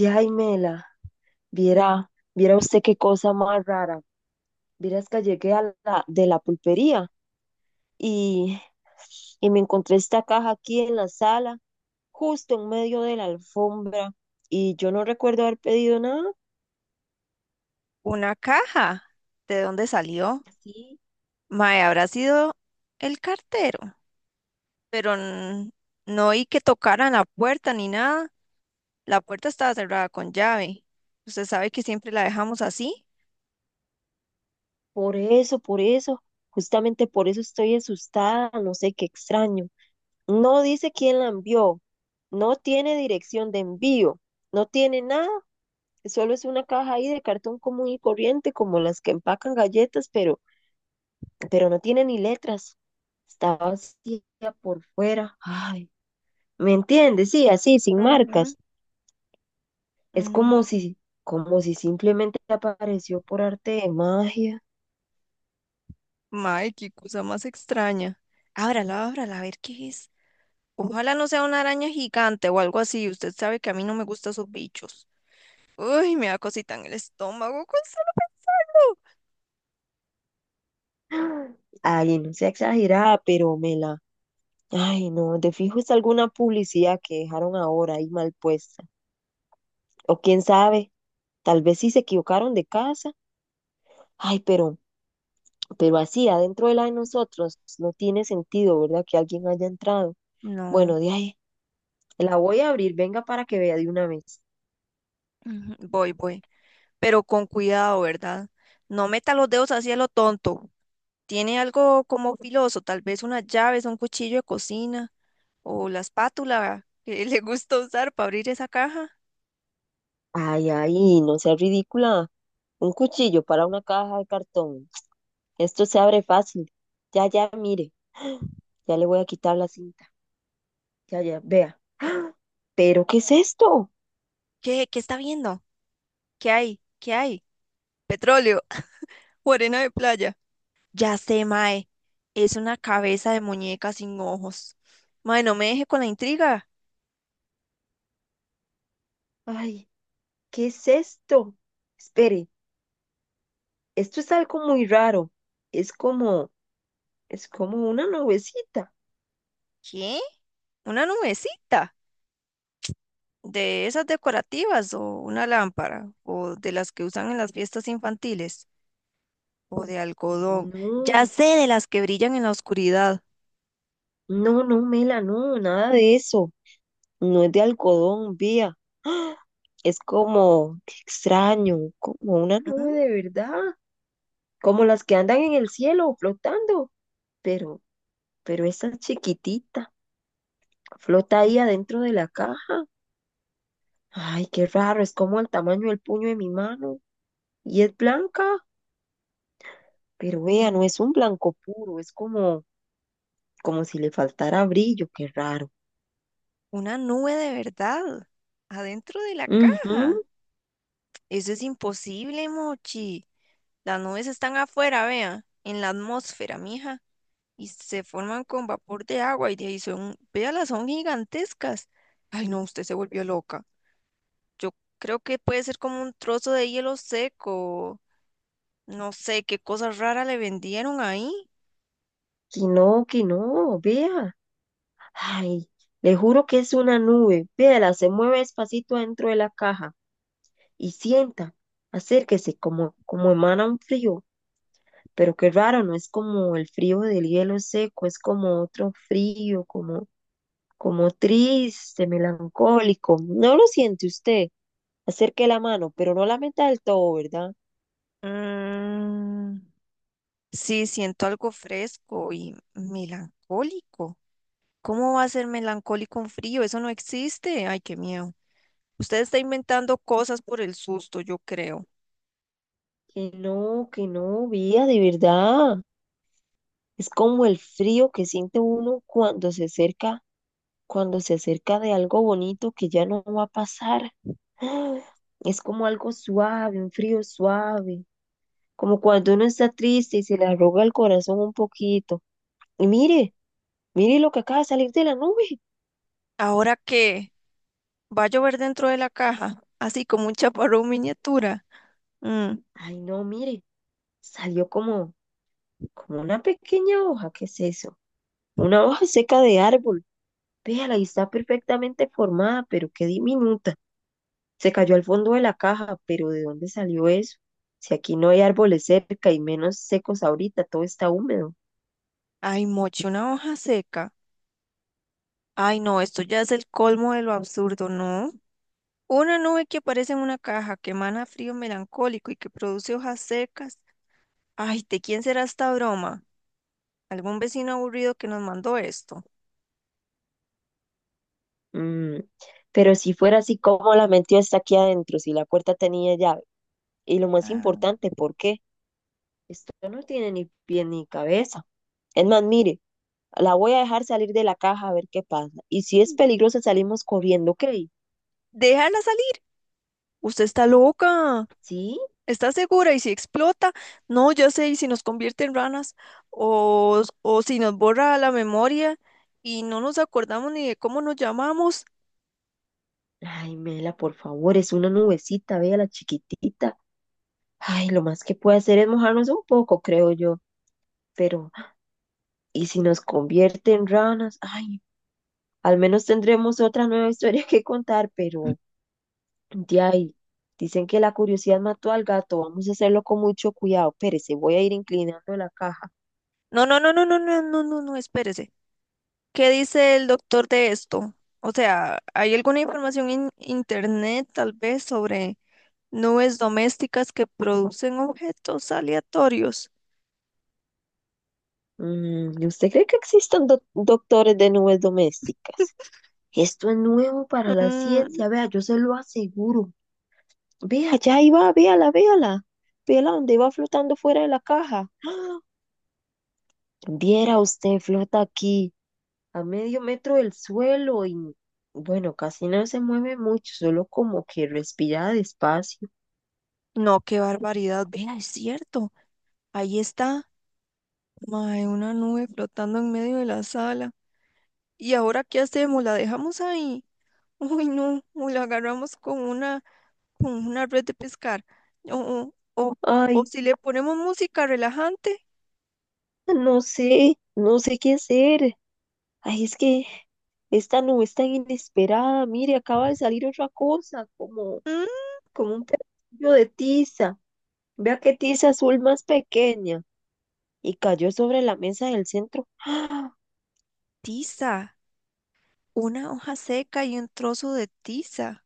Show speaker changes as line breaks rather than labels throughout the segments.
Yaimela, viera usted qué cosa más rara. Vieras que llegué de la pulpería y, y me encontré esta caja aquí en la sala, justo en medio de la alfombra, y yo no recuerdo haber pedido nada.
Una caja. ¿De dónde salió?
Sí,
Mae, habrá sido el cartero, pero no oí que tocaran la puerta ni nada. La puerta estaba cerrada con llave. Usted sabe que siempre la dejamos así.
por eso, justamente por eso estoy asustada, no sé qué extraño. No dice quién la envió, no tiene dirección de envío, no tiene nada. Solo es una caja ahí de cartón común y corriente, como las que empacan galletas, pero no tiene ni letras. Está vacía por fuera. Ay, ¿me entiendes? Sí, así, sin
Ujú.
marcas. Es
Mm,
como si simplemente apareció por arte de magia.
Mae, qué cosa más extraña. Ábrala, ábrala, a ver qué es. Ojalá no sea una araña gigante o algo así. Usted sabe que a mí no me gustan esos bichos. Uy, me da cosita en el estómago con
Ay, no sea exagerada, pero me la. Ay, no, de fijo es alguna publicidad que dejaron ahora ahí mal puesta. O quién sabe, tal vez sí se equivocaron de casa. Ay, pero así adentro de la de nosotros no tiene sentido, ¿verdad? Que alguien haya entrado. Bueno,
No.
de ahí, la voy a abrir, venga para que vea de una vez.
Ujú. Voy, pero con cuidado, ¿verdad? No meta los dedos así a lo tonto. Tiene algo como filoso, tal vez unas llaves, un cuchillo de cocina o la espátula que le gusta usar para abrir esa caja.
Ay, ay, no sea ridícula. Un cuchillo para una caja de cartón. Esto se abre fácil. Ya, ya, mire, ya le voy a quitar la cinta. Ya, ya, vea. ¿Pero qué es esto?
¿Qué? ¿Qué está viendo? ¿Qué hay? ¿Qué hay? Petróleo o arena de playa. Ya sé, mae. Es una cabeza de muñeca sin ojos. Mae, no me deje con la intriga.
Ay, ¿qué es esto? Espere, esto es algo muy raro. Es como, es como una nubecita.
¿Qué? ¿Una nubecita? ¿De esas decorativas o una lámpara? ¿O de las que usan en las fiestas infantiles? O de algodón. Ya
No,
sé, de las que brillan en la oscuridad.
no, no, Mela, no, nada de eso. No es de algodón, vía. ¡Ah! Es como qué extraño, como una
Mm,
nube de verdad, como las que andan en el cielo flotando. Pero, pero esa chiquitita flota ahí adentro de la caja. Ay, qué raro, es como el tamaño del puño de mi mano. Y es blanca, pero vea,
Mm.
no es un blanco puro, es como si le faltara brillo, qué raro.
Una nube de verdad, adentro de la
Ujú,
caja. Eso es imposible, Mochi. Las nubes están afuera, vea, en la atmósfera, mija, y se forman con vapor de agua y de ahí son, véalas, son gigantescas. Ay, no, usted se volvió loca. Yo creo que puede ser como un trozo de hielo seco. No sé qué cosa rara le vendieron ahí.
que no, vea. Ay, le juro que es una nube. Véala, se mueve despacito dentro de la caja y sienta, acérquese, como emana un frío. Pero qué raro, no es como el frío del hielo seco, es como otro frío, como triste, melancólico. No lo siente usted. Acerque la mano, pero no la meta del todo, ¿verdad?
Mm. Sí, siento algo fresco y melancólico. ¿Cómo va a ser melancólico un frío? Eso no existe. Ay, qué miedo. Usted está inventando cosas por el susto, yo creo.
Que no, vía, de verdad. Es como el frío que siente uno cuando se acerca de algo bonito que ya no va a pasar. ¡Ah! Es como algo suave, un frío suave, como cuando uno está triste y se le arruga el corazón un poquito. Y mire lo que acaba de salir de la nube.
Ahora que va a llover dentro de la caja, así como un chaparrón miniatura. Mm,
Ay, no, mire, salió como una pequeña hoja, ¿qué es eso? Una hoja seca de árbol. Véala y está perfectamente formada, pero qué diminuta. Se cayó al fondo de la caja, pero ¿de dónde salió eso? Si aquí no hay árboles cerca y menos secos ahorita, todo está húmedo.
Ay, moche, una hoja seca. Ay, no, esto ya es el colmo de lo absurdo, ¿no? Una nube que aparece en una caja, que emana frío melancólico y que produce hojas secas. Ay, ¿de quién será esta broma? Algún vecino aburrido que nos mandó esto.
Mm. Pero si fuera así, ¿cómo la metió hasta aquí adentro si la puerta tenía llave? Y lo más
Ah.
importante, ¿por qué? Esto no tiene ni pie ni cabeza. Es más, mire, la voy a dejar salir de la caja a ver qué pasa. Y si es peligroso, salimos corriendo, ¿ok?
Déjala salir. Usted está loca.
¿Sí?
¿Está segura? ¿Y si explota? No, ya sé, ¿y si nos convierte en ranas? O, si nos borra la memoria y no nos acordamos ni de cómo nos llamamos.
Ay, Mela, por favor, es una nubecita, vea la chiquitita. Ay, lo más que puede hacer es mojarnos un poco, creo yo. Pero y si nos convierte en ranas, ay, al menos tendremos otra nueva historia que contar, pero de ahí, dicen que la curiosidad mató al gato, vamos a hacerlo con mucho cuidado. Pérese, voy a ir inclinando la caja.
No, no, no, no, no, no, no, no, no, espérese. ¿Qué dice el doctor de esto? O sea, ¿hay alguna información en internet tal vez sobre nubes domésticas que producen objetos aleatorios?
Mm, ¿Usted cree que existan doctores de nubes domésticas? Esto es nuevo para la
Mm,
ciencia, vea, yo se lo aseguro. Vea, ya ahí va, véala, véala. Véala donde va flotando fuera de la caja. ¡Ah! Viera usted, flota aquí, a medio metro del suelo y bueno, casi no se mueve mucho, solo como que respira despacio.
No, qué barbaridad. Vea, es cierto. Ahí está. Mae, una nube flotando en medio de la sala. ¿Y ahora qué hacemos? ¿La dejamos ahí? Uy, no. O la agarramos con con una red de pescar. O, o, o
Ay,
si le ponemos música relajante.
no sé, no sé qué hacer. Ay, es que esta nube es tan inesperada. Mire, acaba de salir otra cosa, como,
Mm,
como un pedacillo de tiza. Vea qué tiza azul más pequeña. Y cayó sobre la mesa del centro. ¡Ah!
Tiza. Una hoja seca y un trozo de tiza.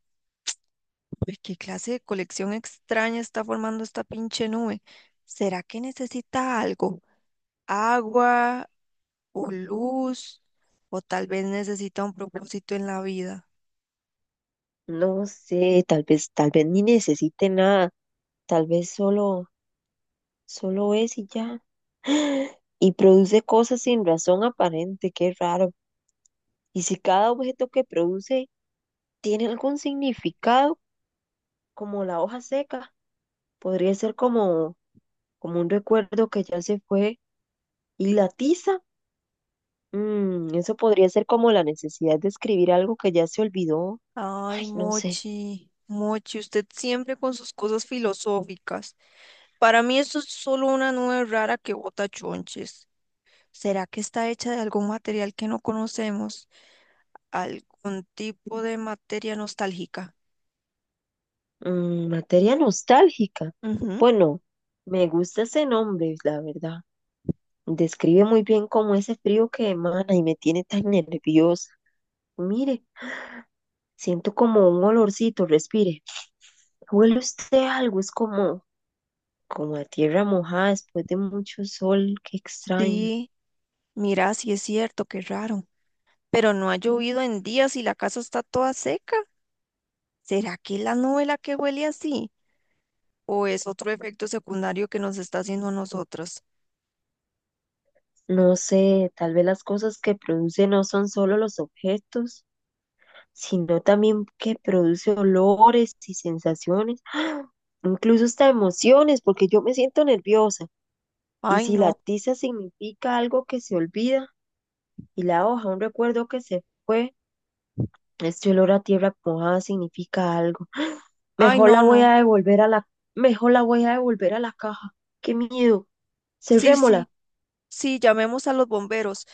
Uy, qué clase de colección extraña está formando esta pinche nube. ¿Será que necesita algo? Agua. O luz, o tal vez necesita un propósito en la vida.
No sé, tal vez ni necesite nada. Tal vez solo es y ya. Y produce cosas sin razón aparente, qué raro. Y si cada objeto que produce tiene algún significado, como la hoja seca, podría ser como un recuerdo que ya se fue y la tiza. Eso podría ser como la necesidad de escribir algo que ya se olvidó. Ay,
Ay,
no sé.
Mochi, Mochi, usted siempre con sus cosas filosóficas. Para mí esto es solo una nube rara que bota chonches. ¿Será que está hecha de algún material que no conocemos? ¿Algún tipo de materia nostálgica?
Materia nostálgica.
Ujú.
Bueno, me gusta ese nombre, la verdad. Describe muy bien cómo ese frío que emana y me tiene tan nerviosa. Mire. Siento como un olorcito, respire. Huele usted algo, es como a tierra mojada después de mucho sol, qué extraño.
Sí, mira, sí es cierto, qué raro. Pero no ha llovido en días y la casa está toda seca. ¿Será que es la nube la que huele así? ¿O es otro efecto secundario que nos está haciendo a nosotras?
No sé, tal vez las cosas que produce no son solo los objetos, sino también que produce olores y sensaciones, incluso hasta emociones, porque yo me siento nerviosa. Y
Ay,
si la
no,
tiza significa algo que se olvida y la hoja un recuerdo que se fue, este olor a tierra mojada significa algo.
ay,
Mejor
no,
la voy
no.
a devolver a la, mejor la voy a devolver a la caja. Qué miedo.
Sí,
Cerrémosla.
sí, sí, llamemos a los bomberos.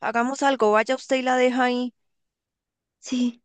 Hagamos algo, vaya usted y la deja ahí.
Sí.